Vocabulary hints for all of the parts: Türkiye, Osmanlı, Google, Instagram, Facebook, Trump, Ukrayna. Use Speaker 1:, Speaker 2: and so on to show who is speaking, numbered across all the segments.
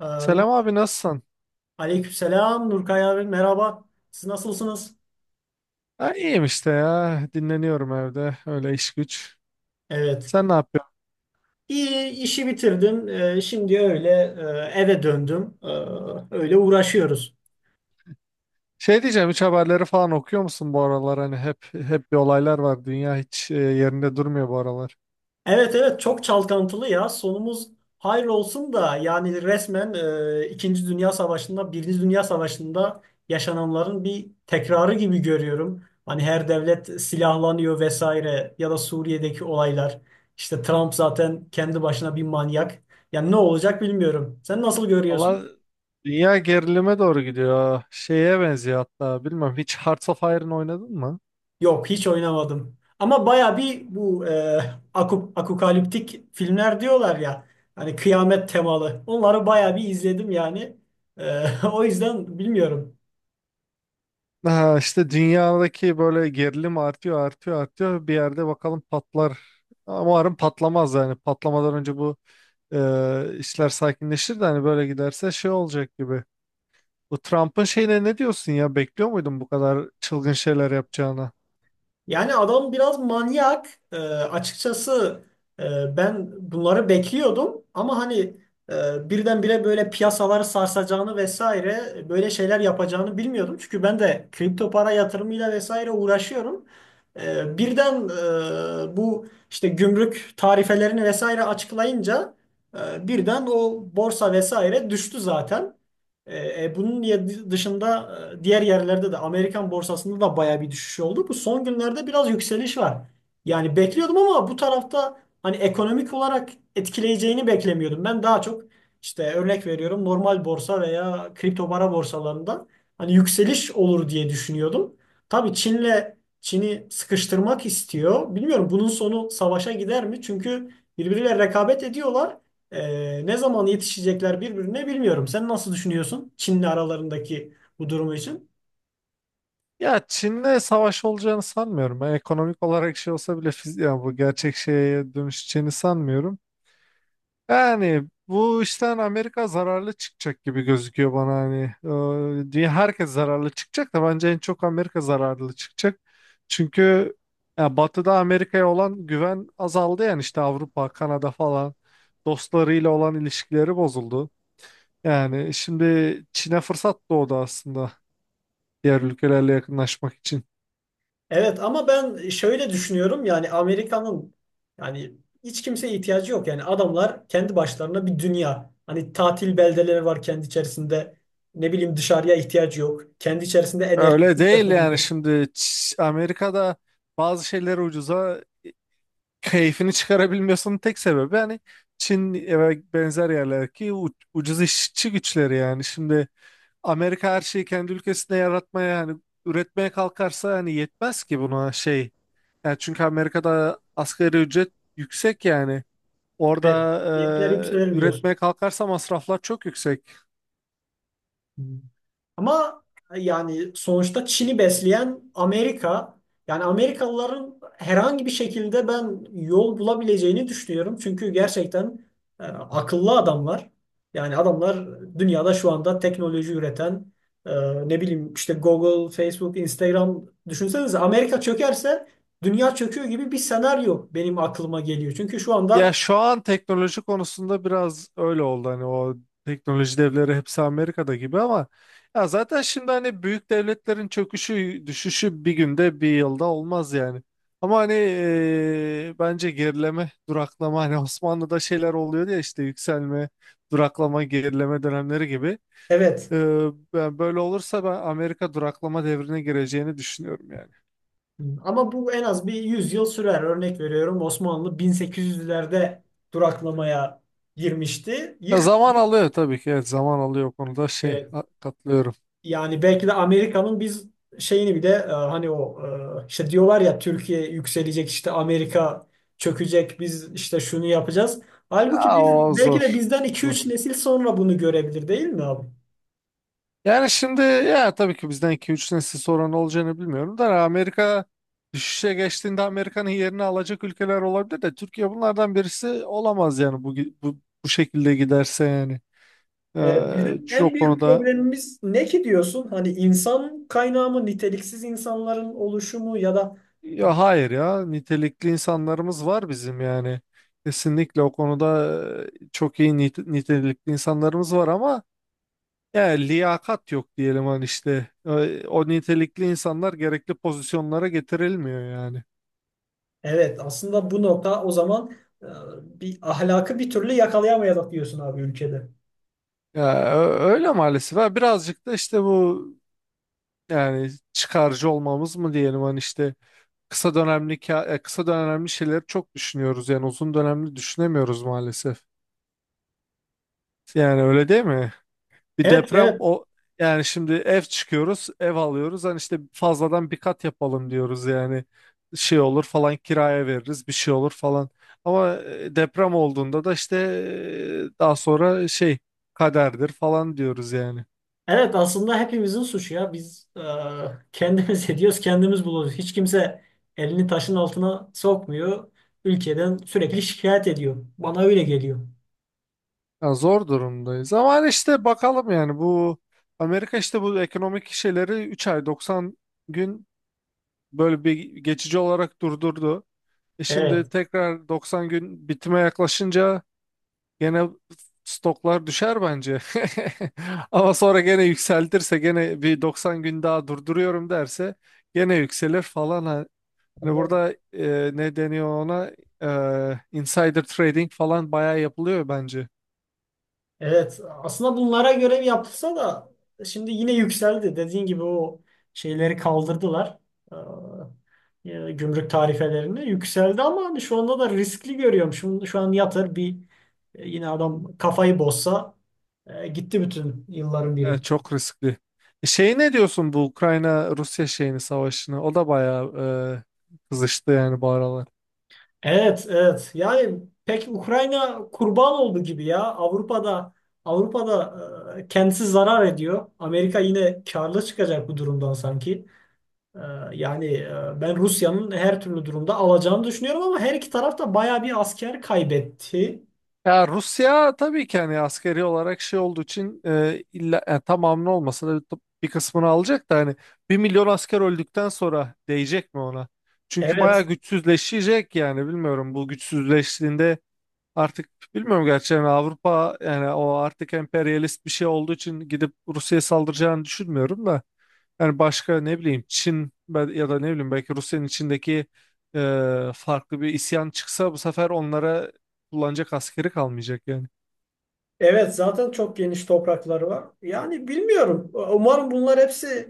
Speaker 1: Nur,
Speaker 2: Selam abi nasılsın?
Speaker 1: aleykümselam Nurkay abi merhaba. Siz nasılsınız?
Speaker 2: Ha, iyiyim işte ya. Dinleniyorum evde. Öyle iş güç.
Speaker 1: Evet.
Speaker 2: Sen ne yapıyorsun?
Speaker 1: İyi, işi bitirdim. Şimdi öyle eve döndüm. Öyle uğraşıyoruz.
Speaker 2: Şey diyeceğim, hiç haberleri falan okuyor musun bu aralar? Hani hep bir olaylar var. Dünya hiç yerinde durmuyor bu aralar.
Speaker 1: Evet, evet, çok çalkantılı ya. Sonumuz hayır olsun da, yani resmen İkinci Dünya Savaşı'nda, Birinci Dünya Savaşı'nda yaşananların bir tekrarı gibi görüyorum. Hani her devlet silahlanıyor vesaire, ya da Suriye'deki olaylar. İşte Trump zaten kendi başına bir manyak. Yani ne olacak bilmiyorum. Sen nasıl görüyorsun?
Speaker 2: Allah, dünya gerilime doğru gidiyor. Şeye benziyor hatta. Bilmem, hiç Hearts of Iron oynadın mı?
Speaker 1: Yok, hiç oynamadım. Ama baya bir bu apokaliptik filmler diyorlar ya. Hani kıyamet temalı. Onları baya bir izledim yani. E, o yüzden bilmiyorum.
Speaker 2: Ha, işte dünyadaki böyle gerilim artıyor artıyor artıyor, bir yerde bakalım patlar ama umarım patlamaz yani. Patlamadan önce bu işler sakinleşir de, hani böyle giderse şey olacak gibi. Bu Trump'ın şeyine ne diyorsun ya, bekliyor muydun bu kadar çılgın şeyler yapacağını?
Speaker 1: Yani adam biraz manyak. Açıkçası ben bunları bekliyordum ama hani birdenbire böyle piyasaları sarsacağını vesaire, böyle şeyler yapacağını bilmiyordum. Çünkü ben de kripto para yatırımıyla vesaire uğraşıyorum. Birden bu işte gümrük tarifelerini vesaire açıklayınca birden o borsa vesaire düştü zaten. Bunun dışında diğer yerlerde de, Amerikan borsasında da baya bir düşüş oldu. Bu son günlerde biraz yükseliş var. Yani bekliyordum ama bu tarafta hani ekonomik olarak etkileyeceğini beklemiyordum. Ben daha çok işte, örnek veriyorum, normal borsa veya kripto para borsalarında hani yükseliş olur diye düşünüyordum. Tabii Çin'le Çin'i sıkıştırmak istiyor. Bilmiyorum, bunun sonu savaşa gider mi? Çünkü birbiriyle rekabet ediyorlar. Ne zaman yetişecekler birbirine bilmiyorum. Sen nasıl düşünüyorsun Çin'le aralarındaki bu durumu için?
Speaker 2: Ya Çin'le savaş olacağını sanmıyorum. Ben ekonomik olarak şey olsa bile fiz yani bu gerçek şeye dönüşeceğini sanmıyorum. Yani bu işten Amerika zararlı çıkacak gibi gözüküyor bana hani. Diye herkes zararlı çıkacak da bence en çok Amerika zararlı çıkacak. Çünkü ya Batı'da Amerika'ya olan güven azaldı, yani işte Avrupa, Kanada falan dostlarıyla olan ilişkileri bozuldu. Yani şimdi Çin'e fırsat doğdu aslında, diğer ülkelerle yakınlaşmak için.
Speaker 1: Evet, ama ben şöyle düşünüyorum, yani Amerika'nın, yani hiç kimseye ihtiyacı yok. Yani adamlar kendi başlarına bir dünya. Hani tatil beldeleri var kendi içerisinde. Ne bileyim, dışarıya ihtiyacı yok. Kendi içerisinde
Speaker 2: Öyle
Speaker 1: enerjisini
Speaker 2: değil yani.
Speaker 1: yapabilir.
Speaker 2: Şimdi Amerika'da bazı şeyleri ucuza keyfini çıkarabilmiyorsun, tek sebebi hani Çin ve benzer yerlerdeki ucuz işçi güçleri yani. Şimdi Amerika her şeyi kendi ülkesinde yaratmaya hani üretmeye kalkarsa hani yetmez ki buna şey. Yani çünkü Amerika'da asgari ücret yüksek yani. Orada
Speaker 1: Evet, maliyetler yükselir diyorsun.
Speaker 2: üretmeye kalkarsa masraflar çok yüksek.
Speaker 1: Ama yani sonuçta Çin'i besleyen Amerika. Yani Amerikalıların herhangi bir şekilde ben yol bulabileceğini düşünüyorum. Çünkü gerçekten akıllı adamlar. Yani adamlar dünyada şu anda teknoloji üreten ne bileyim işte Google, Facebook, Instagram, düşünsenize Amerika çökerse dünya çöküyor gibi bir senaryo benim aklıma geliyor. Çünkü şu
Speaker 2: Ya
Speaker 1: anda,
Speaker 2: şu an teknoloji konusunda biraz öyle oldu hani, o teknoloji devleri hepsi Amerika'da gibi, ama ya zaten şimdi hani büyük devletlerin çöküşü düşüşü bir günde bir yılda olmaz yani. Ama hani bence gerileme, duraklama, hani Osmanlı'da şeyler oluyor ya, işte yükselme, duraklama, gerileme dönemleri gibi.
Speaker 1: evet.
Speaker 2: Eee, ben böyle olursa ben Amerika duraklama devrine gireceğini düşünüyorum yani.
Speaker 1: Ama bu en az 100 yıl sürer. Örnek veriyorum, Osmanlı 1800'lerde duraklamaya girmişti.
Speaker 2: Ya zaman alıyor tabii ki, evet zaman alıyor, o konuda şey
Speaker 1: E,
Speaker 2: katlıyorum.
Speaker 1: Yani belki de Amerika'nın biz şeyini bile, hani o işte diyorlar ya, Türkiye yükselecek, işte Amerika çökecek, biz işte şunu yapacağız. Halbuki
Speaker 2: Aa,
Speaker 1: biz
Speaker 2: o
Speaker 1: belki
Speaker 2: zor.
Speaker 1: de bizden iki
Speaker 2: Zor.
Speaker 1: üç nesil sonra bunu görebilir, değil mi abi?
Speaker 2: Yani şimdi, ya tabii ki bizden 2-3 nesil sonra ne olacağını bilmiyorum da Amerika düşüşe geçtiğinde Amerika'nın yerini alacak ülkeler olabilir de Türkiye bunlardan birisi olamaz yani, bu, bu şekilde giderse yani.
Speaker 1: Evet, bizim en
Speaker 2: Çok
Speaker 1: büyük
Speaker 2: konuda,
Speaker 1: problemimiz ne ki diyorsun? Hani insan kaynağı mı, niteliksiz insanların oluşumu ya da...
Speaker 2: ya hayır, ya nitelikli insanlarımız var bizim yani. Kesinlikle o konuda çok iyi nitelikli insanlarımız var ama yani liyakat yok diyelim, hani işte o nitelikli insanlar gerekli pozisyonlara getirilmiyor yani.
Speaker 1: Evet, aslında bu nokta o zaman, e, bir ahlakı bir türlü yakalayamayalım diyorsun abi ülkede.
Speaker 2: Ya öyle maalesef. Ha, birazcık da işte bu yani çıkarcı olmamız mı diyelim, hani işte kısa dönemli kısa dönemli şeyleri çok düşünüyoruz yani, uzun dönemli düşünemiyoruz maalesef. Yani öyle değil mi? Bir
Speaker 1: Evet,
Speaker 2: deprem
Speaker 1: evet.
Speaker 2: o yani, şimdi ev çıkıyoruz, ev alıyoruz. Hani işte fazladan bir kat yapalım diyoruz yani. Şey olur falan, kiraya veririz, bir şey olur falan. Ama deprem olduğunda da işte daha sonra şey kaderdir falan diyoruz yani.
Speaker 1: Evet, aslında hepimizin suçu ya. Biz kendimiz ediyoruz, kendimiz buluyoruz. Hiç kimse elini taşın altına sokmuyor. Ülkeden sürekli şikayet ediyor. Bana öyle geliyor.
Speaker 2: Yani zor durumdayız. Ama hani işte bakalım yani, bu Amerika işte bu ekonomik şeyleri 3 ay, 90 gün böyle bir geçici olarak durdurdu. Şimdi
Speaker 1: Evet.
Speaker 2: tekrar 90 gün bitime yaklaşınca gene stoklar düşer bence. Ama sonra gene yükseltirse, gene bir 90 gün daha durduruyorum derse gene yükselir falan. Hani burada ne deniyor ona? Insider trading falan bayağı yapılıyor bence.
Speaker 1: Evet, aslında bunlara görev yapılsa da şimdi yine yükseldi. Dediğin gibi o şeyleri kaldırdılar. Gümrük tarifelerini yükseldi ama hani şu anda da riskli görüyorum. Şu an yatır bir yine adam kafayı bozsa gitti bütün yılların
Speaker 2: E,
Speaker 1: biri.
Speaker 2: çok riskli. Şey, ne diyorsun bu Ukrayna Rusya şeyini, savaşını? O da bayağı kızıştı yani bu aralar.
Speaker 1: Evet, evet. Yani pek Ukrayna kurban oldu gibi ya. Avrupa'da kendisi zarar ediyor. Amerika yine karlı çıkacak bu durumdan sanki. Ee, Yani ben Rusya'nın her türlü durumda alacağını düşünüyorum ama her iki taraf da bayağı bir asker kaybetti.
Speaker 2: Ya Rusya tabii ki hani askeri olarak şey olduğu için illa yani tamamını olmasa da bir kısmını alacak da, hani 1 milyon asker öldükten sonra değecek mi ona? Çünkü bayağı
Speaker 1: Evet.
Speaker 2: güçsüzleşecek yani bilmiyorum. Bu güçsüzleştiğinde artık bilmiyorum gerçi yani, Avrupa yani o artık emperyalist bir şey olduğu için gidip Rusya'ya saldıracağını düşünmüyorum da yani, başka ne bileyim, Çin ya da ne bileyim, belki Rusya'nın içindeki farklı bir isyan çıksa bu sefer onlara kullanacak askeri kalmayacak yani.
Speaker 1: Evet, zaten çok geniş toprakları var. Yani bilmiyorum. Umarım bunlar hepsi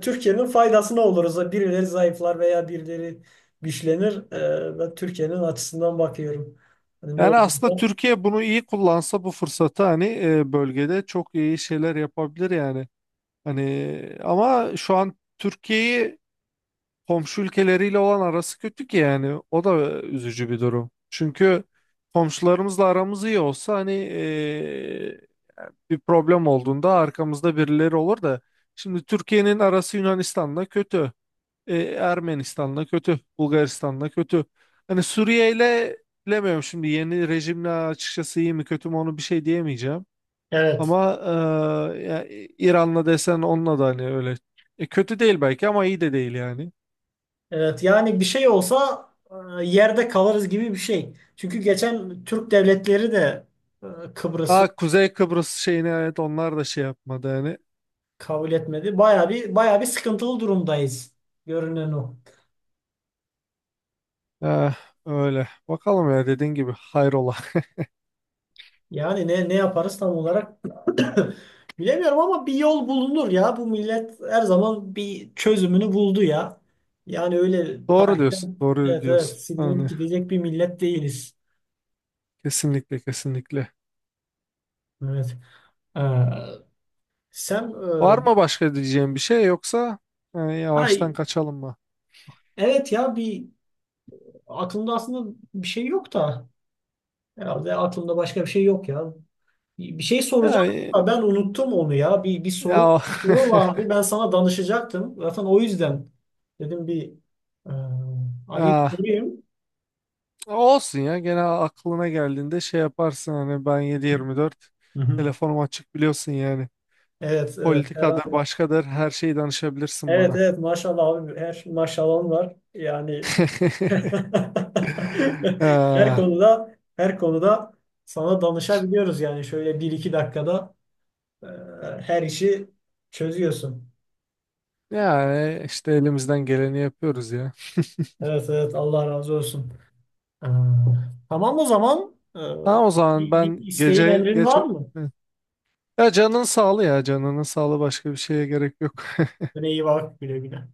Speaker 1: Türkiye'nin faydasına oluruz. Birileri zayıflar veya birileri güçlenir. Ben Türkiye'nin açısından bakıyorum. Hani ne
Speaker 2: Yani aslında
Speaker 1: olursa.
Speaker 2: Türkiye bunu iyi kullansa bu fırsatı, hani bölgede çok iyi şeyler yapabilir yani. Hani ama şu an Türkiye'yi komşu ülkeleriyle olan arası kötü ki yani, o da üzücü bir durum. Çünkü komşularımızla aramız iyi olsa hani bir problem olduğunda arkamızda birileri olur da, şimdi Türkiye'nin arası Yunanistan'la kötü. Ermenistan'la kötü. Bulgaristan'la kötü. Hani Suriye ile bilemiyorum şimdi, yeni rejimle açıkçası iyi mi kötü mü onu bir şey diyemeyeceğim.
Speaker 1: Evet.
Speaker 2: Ama ya İran'la desen onunla da hani öyle. Kötü değil belki ama iyi de değil yani.
Speaker 1: Evet, yani bir şey olsa yerde kalırız gibi bir şey. Çünkü geçen Türk devletleri de Kıbrıs'ı
Speaker 2: Ha, Kuzey Kıbrıs şeyine, evet onlar da şey yapmadı yani.
Speaker 1: kabul etmedi. Baya bir sıkıntılı durumdayız. Görünen o.
Speaker 2: Eh, öyle. Bakalım ya, dediğin gibi hayrola.
Speaker 1: Yani ne ne yaparız tam olarak bilemiyorum ama bir yol bulunur ya. Bu millet her zaman bir çözümünü buldu ya. Yani öyle
Speaker 2: Doğru diyorsun.
Speaker 1: tarihten,
Speaker 2: Doğru
Speaker 1: evet, evet,
Speaker 2: diyorsun.
Speaker 1: silinip
Speaker 2: Hani.
Speaker 1: gidecek bir millet değiliz.
Speaker 2: Kesinlikle, kesinlikle.
Speaker 1: Evet. Ee, Sen
Speaker 2: Var mı başka diyeceğim bir şey, yoksa yani yavaştan
Speaker 1: ay,
Speaker 2: kaçalım mı?
Speaker 1: evet ya, bir aklımda aslında bir şey yok da, herhalde aklımda başka bir şey yok ya. Bir şey
Speaker 2: Ya
Speaker 1: soracaktım
Speaker 2: e,
Speaker 1: ama ben unuttum onu ya. Bir, bir soru
Speaker 2: ya,
Speaker 1: bir soru vardı. Ben sana danışacaktım. Zaten o yüzden dedim bir e, arayıp
Speaker 2: ya
Speaker 1: sorayım.
Speaker 2: olsun ya, gene aklına geldiğinde şey yaparsın hani, ben 7/24
Speaker 1: Hı hı.
Speaker 2: telefonum açık biliyorsun yani.
Speaker 1: Evet, evet.
Speaker 2: Politikadır, başkadır, her şeyi danışabilirsin
Speaker 1: Evet,
Speaker 2: bana.
Speaker 1: evet. Maşallah abi. Her şey, maşallahın var. Yani her
Speaker 2: Ee,
Speaker 1: konuda her konuda sana danışabiliyoruz yani. Şöyle bir 2 dakikada e, her işi çözüyorsun.
Speaker 2: yani işte elimizden geleni yapıyoruz ya.
Speaker 1: Evet, evet. Allah razı olsun. Ee, tamam o zaman.
Speaker 2: Tamam o zaman,
Speaker 1: Bir,
Speaker 2: ben
Speaker 1: bir isteğin
Speaker 2: gece
Speaker 1: emrin
Speaker 2: geç
Speaker 1: var mı?
Speaker 2: ya canın sağlığı, ya canının sağlığı, başka bir şeye gerek yok.
Speaker 1: Böyle iyi, bak, güle güle.